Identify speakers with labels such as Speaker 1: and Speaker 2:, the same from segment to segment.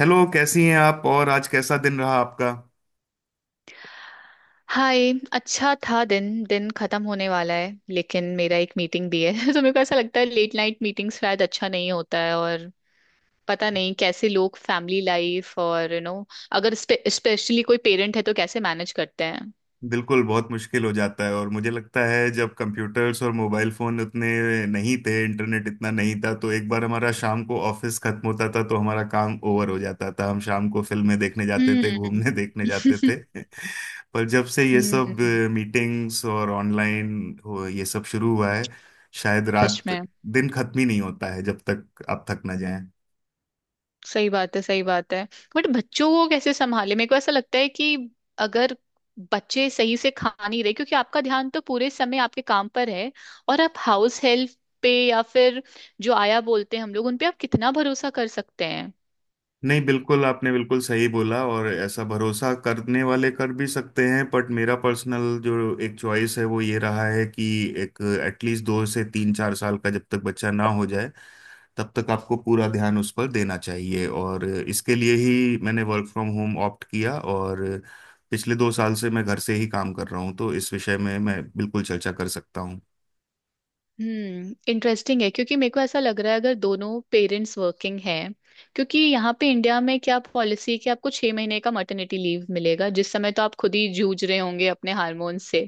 Speaker 1: Hello, कैसी हैं आप? और आज कैसा दिन रहा आपका?
Speaker 2: हाय। अच्छा था। दिन दिन खत्म होने वाला है, लेकिन मेरा एक मीटिंग भी है। तो मेरे को ऐसा लगता है लेट नाइट मीटिंग शायद अच्छा नहीं होता है, और पता नहीं कैसे लोग फैमिली लाइफ और यू you नो know, अगर स्पेशली कोई पेरेंट है तो कैसे मैनेज करते हैं।
Speaker 1: बिल्कुल, बहुत मुश्किल हो जाता है। और मुझे लगता है, जब कंप्यूटर्स और मोबाइल फोन उतने नहीं थे, इंटरनेट इतना नहीं था, तो एक बार हमारा शाम को ऑफिस खत्म होता था तो हमारा काम ओवर हो जाता था। हम शाम को फिल्में देखने जाते थे,
Speaker 2: हम्म।
Speaker 1: घूमने देखने जाते थे। पर जब से ये सब
Speaker 2: हम्म।
Speaker 1: मीटिंग्स और ऑनलाइन हो, ये सब शुरू हुआ है, शायद
Speaker 2: सच
Speaker 1: रात
Speaker 2: में।
Speaker 1: दिन खत्म ही नहीं होता है जब तक आप थक ना जाएं।
Speaker 2: सही बात है, सही बात है। बट बच्चों को कैसे संभाले? मेरे को ऐसा लगता है कि अगर बच्चे सही से खा नहीं रहे क्योंकि आपका ध्यान तो पूरे समय आपके काम पर है, और आप हाउस हेल्प पे या फिर जो आया बोलते हैं हम लोग, उन पे आप कितना भरोसा कर सकते हैं?
Speaker 1: नहीं, बिल्कुल। आपने बिल्कुल सही बोला। और ऐसा, भरोसा करने वाले कर भी सकते हैं, बट मेरा पर्सनल जो एक चॉइस है वो ये रहा है कि एक, एटलीस्ट दो से 3 4 साल का जब तक बच्चा ना हो जाए, तब तक आपको पूरा ध्यान उस पर देना चाहिए। और इसके लिए ही मैंने वर्क फ्रॉम होम ऑप्ट किया। और पिछले 2 साल से मैं घर से ही काम कर रहा हूँ, तो इस विषय में मैं बिल्कुल चर्चा कर सकता हूँ।
Speaker 2: हम्म। इंटरेस्टिंग है क्योंकि मेरे को ऐसा लग रहा है अगर दोनों पेरेंट्स वर्किंग हैं, क्योंकि यहाँ पे इंडिया में क्या पॉलिसी है कि आपको 6 महीने का मटर्निटी लीव मिलेगा, जिस समय तो आप खुद ही जूझ रहे होंगे अपने हार्मोन से।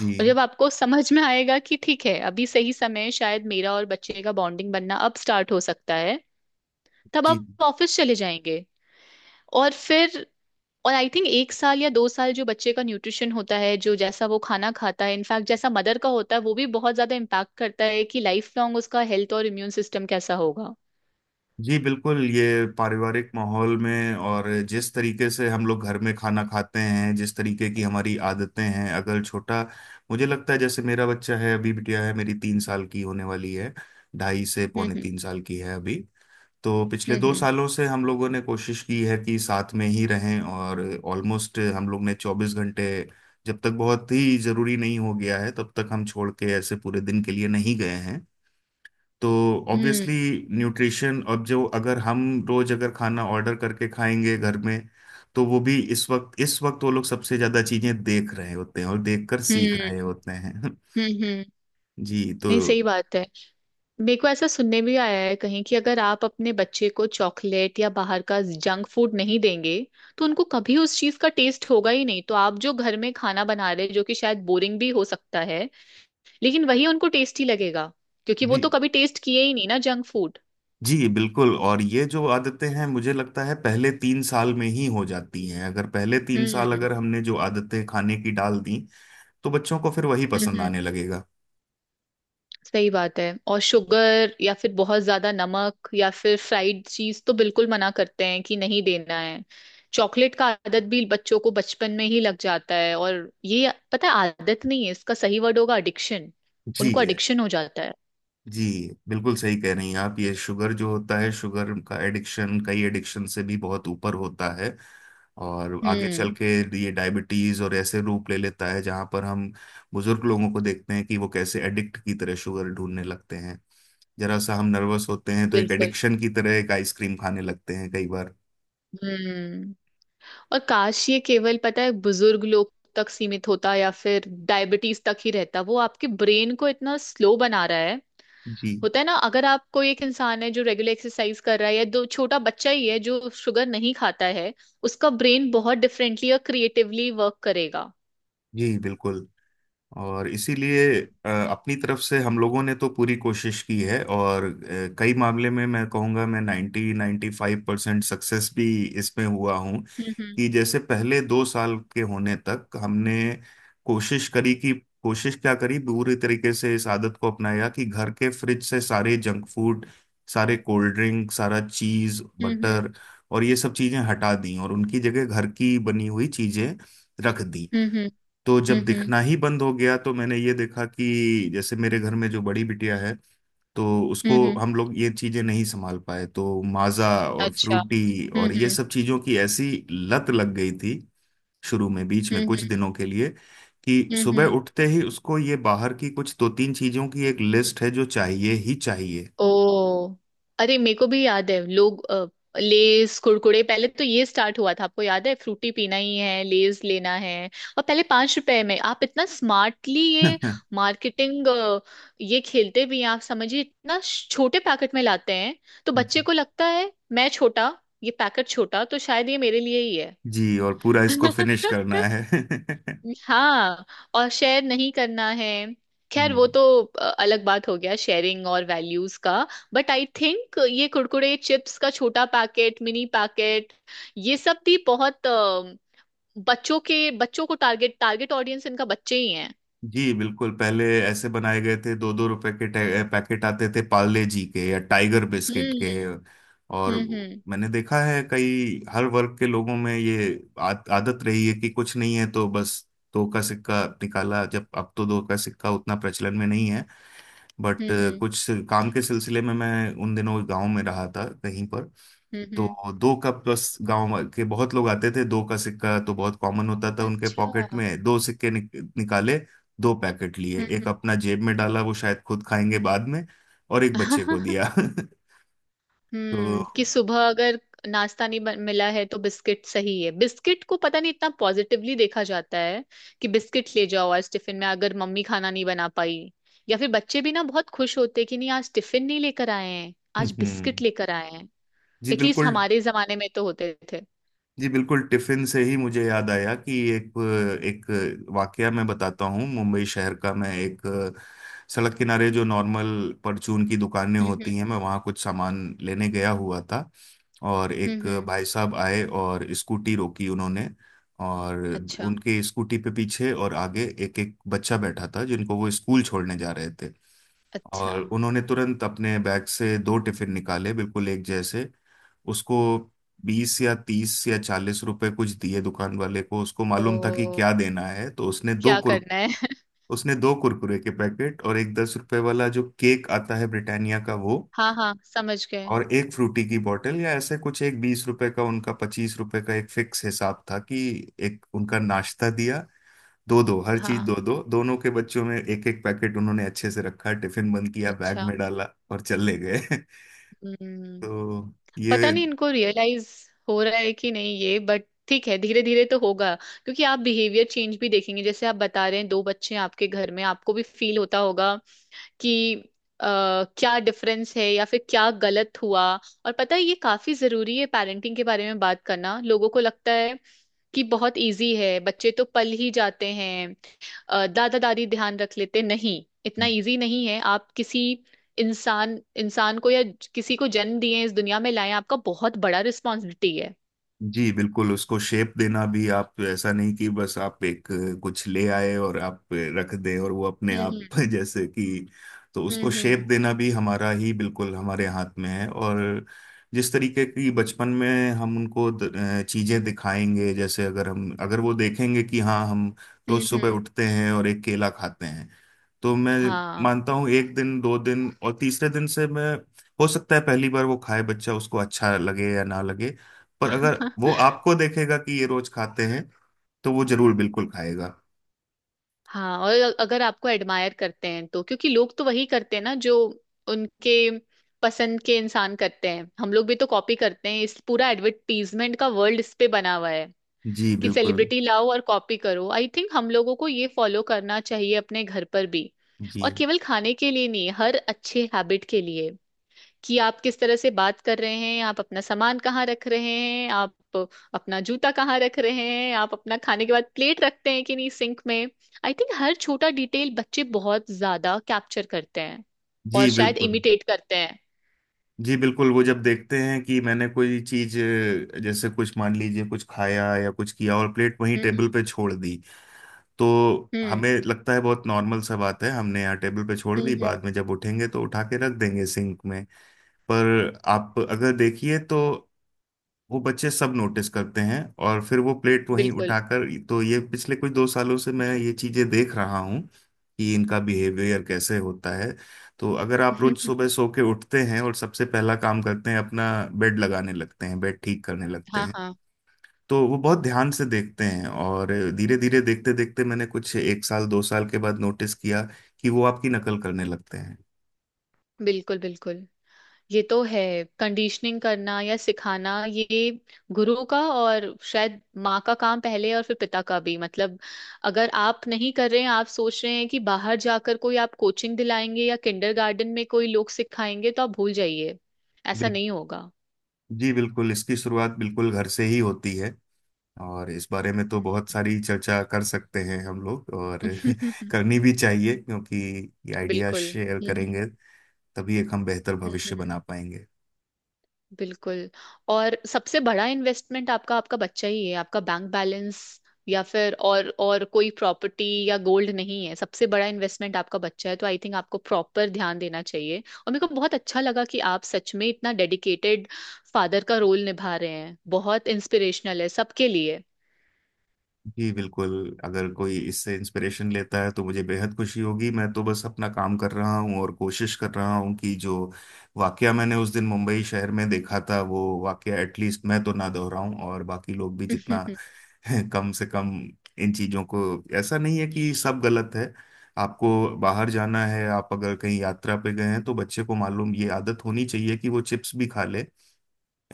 Speaker 1: जी।
Speaker 2: और जब आपको समझ में आएगा कि ठीक है अभी सही समय है, शायद मेरा और बच्चे का बॉन्डिंग बनना अब स्टार्ट हो सकता है, तब
Speaker 1: जी।
Speaker 2: आप ऑफिस चले जाएंगे। और फिर आई थिंक 1 साल या 2 साल जो बच्चे का न्यूट्रिशन होता है, जो जैसा वो खाना खाता है, इनफैक्ट जैसा मदर का होता है, वो भी बहुत ज्यादा इम्पैक्ट करता है कि लाइफ लॉन्ग उसका हेल्थ और इम्यून सिस्टम कैसा होगा।
Speaker 1: जी बिल्कुल। ये पारिवारिक माहौल में, और जिस तरीके से हम लोग घर में खाना खाते हैं, जिस तरीके की हमारी आदतें हैं, अगर छोटा, मुझे लगता है जैसे मेरा बच्चा है अभी, बिटिया है मेरी, 3 साल की होने वाली है, 2.5 से पौने
Speaker 2: हम्म।
Speaker 1: तीन साल की है अभी। तो पिछले
Speaker 2: हम्म।
Speaker 1: दो
Speaker 2: हम्म।
Speaker 1: सालों से हम लोगों ने कोशिश की है कि साथ में ही रहें। और ऑलमोस्ट हम लोग ने 24 घंटे, जब तक बहुत ही जरूरी नहीं हो गया है तब तक, हम छोड़ के ऐसे पूरे दिन के लिए नहीं गए हैं। तो
Speaker 2: हम्म।
Speaker 1: ऑब्वियसली, न्यूट्रिशन अब जो, अगर हम रोज अगर खाना ऑर्डर करके खाएंगे घर में, तो वो भी, इस वक्त वो लोग सबसे ज्यादा चीजें देख रहे होते हैं और देखकर सीख
Speaker 2: हम्म।
Speaker 1: रहे होते हैं
Speaker 2: हम्म। हम्म। हम्म।
Speaker 1: जी, तो
Speaker 2: नहीं, सही बात है। मेरे को ऐसा सुनने भी आया है कहीं कि अगर आप अपने बच्चे को चॉकलेट या बाहर का जंक फूड नहीं देंगे तो उनको कभी उस चीज का टेस्ट होगा ही नहीं, तो आप जो घर में खाना बना रहे जो कि शायद बोरिंग भी हो सकता है लेकिन वही उनको टेस्टी लगेगा क्योंकि वो तो
Speaker 1: जी।
Speaker 2: कभी टेस्ट किए ही नहीं ना जंक फूड।
Speaker 1: जी बिल्कुल। और ये जो आदतें हैं मुझे लगता है पहले 3 साल में ही हो जाती हैं। अगर पहले 3 साल
Speaker 2: हम्म।
Speaker 1: अगर हमने जो आदतें खाने की डाल दी, तो बच्चों को फिर वही पसंद
Speaker 2: हम्म।
Speaker 1: आने लगेगा।
Speaker 2: सही बात है। और शुगर या फिर बहुत ज्यादा नमक या फिर फ्राइड चीज तो बिल्कुल मना करते हैं कि नहीं देना है। चॉकलेट का आदत भी बच्चों को बचपन में ही लग जाता है, और ये पता है आदत नहीं है, इसका सही वर्ड होगा एडिक्शन। उनको
Speaker 1: जी।
Speaker 2: एडिक्शन हो जाता है।
Speaker 1: जी बिल्कुल सही कह रही हैं आप। ये शुगर जो होता है, शुगर का एडिक्शन कई एडिक्शन से भी बहुत ऊपर होता है। और आगे चल
Speaker 2: हम्म।
Speaker 1: के ये डायबिटीज और ऐसे रूप ले लेता है जहां पर हम बुजुर्ग लोगों को देखते हैं कि वो कैसे एडिक्ट की तरह शुगर ढूंढने लगते हैं। जरा सा हम नर्वस होते हैं तो एक
Speaker 2: बिल्कुल।
Speaker 1: एडिक्शन की तरह एक आइसक्रीम खाने लगते हैं कई बार।
Speaker 2: हम्म। और काश ये केवल पता है बुजुर्ग लोग तक सीमित होता या फिर डायबिटीज तक ही रहता। वो आपके ब्रेन को इतना स्लो बना रहा है।
Speaker 1: जी।
Speaker 2: होता है ना, अगर आप कोई एक इंसान है जो रेगुलर एक्सरसाइज कर रहा है या दो छोटा बच्चा ही है जो शुगर नहीं खाता है, उसका ब्रेन बहुत डिफरेंटली और क्रिएटिवली वर्क करेगा।
Speaker 1: जी बिल्कुल। और इसीलिए, अपनी तरफ से हम लोगों ने तो पूरी कोशिश की है। और कई मामले में मैं कहूँगा मैं 90 नाइन्टी फाइव परसेंट सक्सेस भी इसमें हुआ हूँ।
Speaker 2: हम्म।
Speaker 1: कि जैसे पहले 2 साल के होने तक हमने कोशिश करी कि, कोशिश क्या करी, पूरी तरीके से इस आदत को अपनाया कि घर के फ्रिज से सारे जंक फूड, सारे कोल्ड ड्रिंक, सारा चीज़,
Speaker 2: हम्म।
Speaker 1: बटर और ये सब चीज़ें हटा दी, और उनकी जगह घर की बनी हुई चीज़ें रख दी।
Speaker 2: हम्म। हम्म।
Speaker 1: तो जब
Speaker 2: हम्म। हम्म।
Speaker 1: दिखना ही बंद हो गया, तो मैंने ये देखा कि जैसे मेरे घर में जो बड़ी बिटिया है, तो उसको
Speaker 2: हम्म। हम्म।
Speaker 1: हम लोग ये चीजें नहीं संभाल पाए, तो माजा और
Speaker 2: अच्छा।
Speaker 1: फ्रूटी और
Speaker 2: हम्म।
Speaker 1: ये
Speaker 2: हम्म।
Speaker 1: सब चीजों की ऐसी लत लग गई थी, शुरू में, बीच में
Speaker 2: हम्म।
Speaker 1: कुछ दिनों के लिए, कि
Speaker 2: हम्म।
Speaker 1: सुबह
Speaker 2: हम्म।
Speaker 1: उठते ही उसको ये बाहर की कुछ दो तीन चीजों की एक लिस्ट है जो चाहिए ही चाहिए
Speaker 2: ओ, अरे मेरे को भी याद है लोग लेस कुरकुरे, पहले तो ये स्टार्ट हुआ था, आपको याद है? फ्रूटी पीना ही है, लेस लेना है। और पहले 5 रुपए में आप इतना स्मार्टली ये मार्केटिंग, ये खेलते भी हैं। आप समझिए इतना छोटे पैकेट में लाते हैं, तो बच्चे
Speaker 1: जी।
Speaker 2: को लगता है मैं छोटा, ये पैकेट छोटा, तो शायद ये मेरे लिए ही है।
Speaker 1: जी, और पूरा इसको फिनिश करना है
Speaker 2: हाँ, और शेयर नहीं करना है। खैर वो
Speaker 1: हम्म।
Speaker 2: तो अलग बात हो गया, शेयरिंग और वैल्यूज का। बट आई थिंक ये कुरकुरे चिप्स का छोटा पैकेट, मिनी पैकेट, ये सब भी बहुत बच्चों को टारगेट टारगेट ऑडियंस इनका बच्चे ही हैं।
Speaker 1: जी बिल्कुल। पहले ऐसे बनाए गए थे, 2-2 रुपए के पैकेट आते थे पार्ले जी के या टाइगर बिस्किट के।
Speaker 2: हम्म।
Speaker 1: और
Speaker 2: हम्म।
Speaker 1: मैंने देखा है कई हर वर्ग के लोगों में ये आदत रही है कि कुछ नहीं है तो बस 2 का सिक्का निकाला। जब, अब तो 2 का सिक्का उतना प्रचलन में नहीं है, बट
Speaker 2: हम्म। हम्म।
Speaker 1: कुछ, काम के सिलसिले में मैं उन दिनों गांव में रहा था कहीं पर,
Speaker 2: हम्म।
Speaker 1: तो
Speaker 2: हम्म।
Speaker 1: दो का प्लस गांव के बहुत लोग आते थे, दो का सिक्का तो बहुत कॉमन होता था उनके पॉकेट
Speaker 2: अच्छा।
Speaker 1: में। दो सिक्के निकाले, दो पैकेट लिए,
Speaker 2: हम्म।
Speaker 1: एक
Speaker 2: हम्म।
Speaker 1: अपना जेब में डाला, वो शायद खुद खाएंगे बाद में, और एक बच्चे को दिया तो
Speaker 2: हम्म। कि सुबह अगर नाश्ता नहीं मिला है तो बिस्किट सही है। बिस्किट को पता नहीं इतना पॉजिटिवली देखा जाता है कि बिस्किट ले जाओ आज टिफिन में अगर मम्मी खाना नहीं बना पाई, या फिर बच्चे भी ना बहुत खुश होते कि नहीं आज टिफिन नहीं लेकर आए हैं, आज बिस्किट
Speaker 1: हम्म।
Speaker 2: लेकर आए हैं।
Speaker 1: जी
Speaker 2: एटलीस्ट
Speaker 1: बिल्कुल।
Speaker 2: हमारे जमाने में तो होते थे।
Speaker 1: जी बिल्कुल। टिफिन से ही मुझे याद आया कि एक, एक वाकया मैं बताता हूँ मुंबई शहर का। मैं एक सड़क किनारे जो नॉर्मल परचून की दुकानें
Speaker 2: हम्म।
Speaker 1: होती हैं, मैं वहाँ कुछ सामान लेने गया हुआ था। और एक
Speaker 2: हम्म। हम्म।
Speaker 1: भाई साहब आए और स्कूटी रोकी उन्होंने। और
Speaker 2: अच्छा।
Speaker 1: उनके स्कूटी पे पीछे और आगे एक एक बच्चा बैठा था जिनको वो स्कूल छोड़ने जा रहे थे।
Speaker 2: अच्छा।
Speaker 1: और उन्होंने तुरंत अपने बैग से दो टिफिन निकाले, बिल्कुल एक जैसे। उसको 20 या 30 या 40 रुपए कुछ दिए दुकान वाले को। उसको मालूम था कि
Speaker 2: ओ,
Speaker 1: क्या देना है। तो
Speaker 2: क्या करना है?
Speaker 1: उसने दो कुरकुरे के पैकेट और एक 10 रुपए वाला जो केक आता है ब्रिटानिया का, वो,
Speaker 2: हाँ, हाँ, समझ गए।
Speaker 1: और एक फ्रूटी की बोतल या ऐसे कुछ, एक 20 रुपए का उनका, 25 रुपए का एक फिक्स हिसाब था कि एक उनका नाश्ता दिया। दो दो हर चीज, दो
Speaker 2: हाँ।
Speaker 1: दो, दोनों के बच्चों में, एक एक पैकेट उन्होंने अच्छे से रखा, टिफिन बंद किया, बैग
Speaker 2: अच्छा।
Speaker 1: में डाला और चले गए
Speaker 2: हम्म।
Speaker 1: तो
Speaker 2: पता
Speaker 1: ये,
Speaker 2: नहीं इनको रियलाइज हो रहा है कि नहीं, ये बट ठीक है, धीरे धीरे तो होगा क्योंकि आप बिहेवियर चेंज भी देखेंगे। जैसे आप बता रहे हैं दो बच्चे हैं आपके घर में, आपको भी फील होता होगा कि क्या डिफरेंस है या फिर क्या गलत हुआ। और पता है ये काफी जरूरी है पेरेंटिंग के बारे में बात करना। लोगों को लगता है कि बहुत इजी है, बच्चे तो पल ही जाते हैं, दादा दादी ध्यान रख लेते, नहीं इतना इजी नहीं है। आप किसी इंसान इंसान को या किसी को जन्म दिए इस दुनिया में लाए, आपका बहुत बड़ा रिस्पॉन्सिबिलिटी है।
Speaker 1: जी बिल्कुल। उसको शेप देना भी, आप ऐसा नहीं कि बस आप एक कुछ ले आए और आप रख दें और वो अपने आप
Speaker 2: हम्म।
Speaker 1: जैसे कि, तो
Speaker 2: हम्म।
Speaker 1: उसको
Speaker 2: हम्म।
Speaker 1: शेप
Speaker 2: हम्म।
Speaker 1: देना भी हमारा ही, बिल्कुल हमारे हाथ में है। और जिस तरीके की बचपन में हम उनको चीजें दिखाएंगे, जैसे अगर हम, अगर वो देखेंगे कि हाँ हम रोज
Speaker 2: हम्म।
Speaker 1: सुबह
Speaker 2: हम्म।
Speaker 1: उठते हैं और एक केला खाते हैं, तो मैं
Speaker 2: हाँ।
Speaker 1: मानता हूँ एक दिन, दो दिन और तीसरे दिन से मैं, हो सकता है पहली बार वो खाए बच्चा, उसको अच्छा लगे या ना लगे, पर अगर वो आपको देखेगा कि ये रोज खाते हैं, तो वो जरूर बिल्कुल खाएगा।
Speaker 2: हाँ, और अगर आपको एडमायर करते हैं तो, क्योंकि लोग तो वही करते हैं ना जो उनके पसंद के इंसान करते हैं। हम लोग भी तो कॉपी करते हैं, इस पूरा एडवर्टीजमेंट का वर्ल्ड इस पे बना हुआ है
Speaker 1: जी
Speaker 2: कि
Speaker 1: बिल्कुल।
Speaker 2: सेलिब्रिटी लाओ और कॉपी करो। आई थिंक हम लोगों को ये फॉलो करना चाहिए अपने घर पर भी।
Speaker 1: जी।
Speaker 2: और केवल खाने के लिए नहीं, हर अच्छे हैबिट के लिए, कि आप किस तरह से बात कर रहे हैं, आप अपना सामान कहाँ रख रहे हैं, आप अपना जूता कहाँ रख रहे हैं, आप अपना खाने के बाद प्लेट रखते हैं कि नहीं सिंक में। आई थिंक हर छोटा डिटेल बच्चे बहुत ज्यादा कैप्चर करते हैं, और
Speaker 1: जी
Speaker 2: शायद
Speaker 1: बिल्कुल।
Speaker 2: इमिटेट करते हैं।
Speaker 1: जी बिल्कुल। वो जब देखते हैं कि मैंने कोई चीज, जैसे कुछ मान लीजिए कुछ खाया या कुछ किया और प्लेट वहीं
Speaker 2: हम्म।
Speaker 1: टेबल पे छोड़ दी, तो
Speaker 2: हम्म।
Speaker 1: हमें लगता है बहुत नॉर्मल सा बात है, हमने यहाँ टेबल पे छोड़
Speaker 2: हम्म।
Speaker 1: दी,
Speaker 2: हम्म।
Speaker 1: बाद में जब उठेंगे तो उठा के रख देंगे सिंक में। पर आप अगर देखिए तो वो बच्चे सब नोटिस करते हैं, और फिर वो प्लेट वहीं
Speaker 2: बिल्कुल।
Speaker 1: उठाकर। तो ये पिछले कुछ 2 सालों से मैं ये चीजें देख रहा हूँ कि इनका बिहेवियर कैसे होता है। तो अगर आप रोज सुबह सो के उठते हैं और सबसे पहला काम करते हैं अपना बेड लगाने लगते हैं, बेड ठीक करने लगते
Speaker 2: हाँ,
Speaker 1: हैं,
Speaker 2: हाँ,
Speaker 1: तो वो बहुत ध्यान से देखते हैं। और धीरे धीरे देखते देखते मैंने कुछ एक साल दो साल के बाद नोटिस किया कि वो आपकी नकल करने लगते हैं।
Speaker 2: बिल्कुल बिल्कुल, ये तो है। कंडीशनिंग करना या सिखाना, ये गुरु का और शायद माँ का काम पहले, और फिर पिता का भी। मतलब अगर आप नहीं कर रहे हैं, आप सोच रहे हैं कि बाहर जाकर कोई आप कोचिंग दिलाएंगे या किंडरगार्टन में कोई लोग सिखाएंगे, तो आप भूल जाइए, ऐसा
Speaker 1: बिल-
Speaker 2: नहीं होगा।
Speaker 1: जी बिल्कुल। इसकी शुरुआत बिल्कुल घर से ही होती है। और इस बारे में तो बहुत
Speaker 2: हम्म।
Speaker 1: सारी चर्चा कर सकते हैं हम लोग, और करनी भी चाहिए, क्योंकि ये आइडिया
Speaker 2: बिल्कुल।
Speaker 1: शेयर
Speaker 2: हम्म।
Speaker 1: करेंगे तभी एक हम बेहतर
Speaker 2: हम्म।
Speaker 1: भविष्य
Speaker 2: हम्म।
Speaker 1: बना पाएंगे।
Speaker 2: बिल्कुल। और सबसे बड़ा इन्वेस्टमेंट आपका आपका बच्चा ही है। आपका बैंक बैलेंस या फिर और कोई प्रॉपर्टी या गोल्ड नहीं है, सबसे बड़ा इन्वेस्टमेंट आपका बच्चा है, तो आई थिंक आपको प्रॉपर ध्यान देना चाहिए। और मेरे को बहुत अच्छा लगा कि आप सच में इतना डेडिकेटेड फादर का रोल निभा रहे हैं, बहुत इंस्पिरेशनल है सबके लिए।
Speaker 1: जी बिल्कुल। अगर कोई इससे इंस्पिरेशन लेता है तो मुझे बेहद खुशी होगी। मैं तो बस अपना काम कर रहा हूँ और कोशिश कर रहा हूँ कि जो वाकया मैंने उस दिन मुंबई शहर में देखा था, वो वाकया एटलीस्ट मैं तो ना दोहराऊं, और बाकी लोग भी जितना
Speaker 2: हम्म।
Speaker 1: कम से कम इन चीज़ों को, ऐसा नहीं है कि सब गलत है। आपको बाहर जाना है, आप अगर कहीं यात्रा पे गए हैं, तो बच्चे को मालूम, ये आदत होनी चाहिए कि वो चिप्स भी खा ले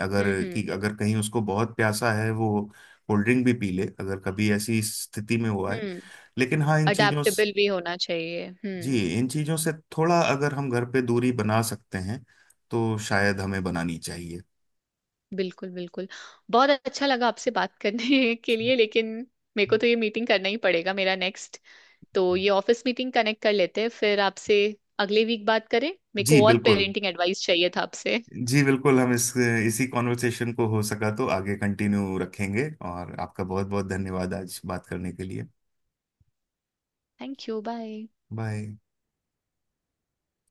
Speaker 1: अगर, कि
Speaker 2: हम्म।
Speaker 1: अगर कहीं उसको बहुत प्यासा है, वो कोल्ड ड्रिंक भी पी ले अगर कभी ऐसी स्थिति में हुआ है।
Speaker 2: हम्म।
Speaker 1: लेकिन हाँ,
Speaker 2: अडेप्टेबल भी होना चाहिए।
Speaker 1: जी,
Speaker 2: हम्म।
Speaker 1: इन चीजों से थोड़ा अगर हम घर पे दूरी बना सकते हैं तो शायद हमें बनानी चाहिए।
Speaker 2: बिल्कुल बिल्कुल, बहुत अच्छा लगा आपसे बात करने के लिए, लेकिन मेरे को तो ये मीटिंग करना ही पड़ेगा मेरा नेक्स्ट। तो ये ऑफिस मीटिंग कनेक्ट कर लेते हैं, फिर आपसे अगले वीक बात करें। मेरे
Speaker 1: जी
Speaker 2: को और
Speaker 1: बिल्कुल।
Speaker 2: पेरेंटिंग एडवाइस चाहिए था आपसे।
Speaker 1: जी बिल्कुल। हम इस इसी कॉन्वर्सेशन को हो सका तो आगे कंटिन्यू रखेंगे। और आपका बहुत बहुत धन्यवाद आज बात करने के लिए।
Speaker 2: Thank you. बाय।
Speaker 1: बाय।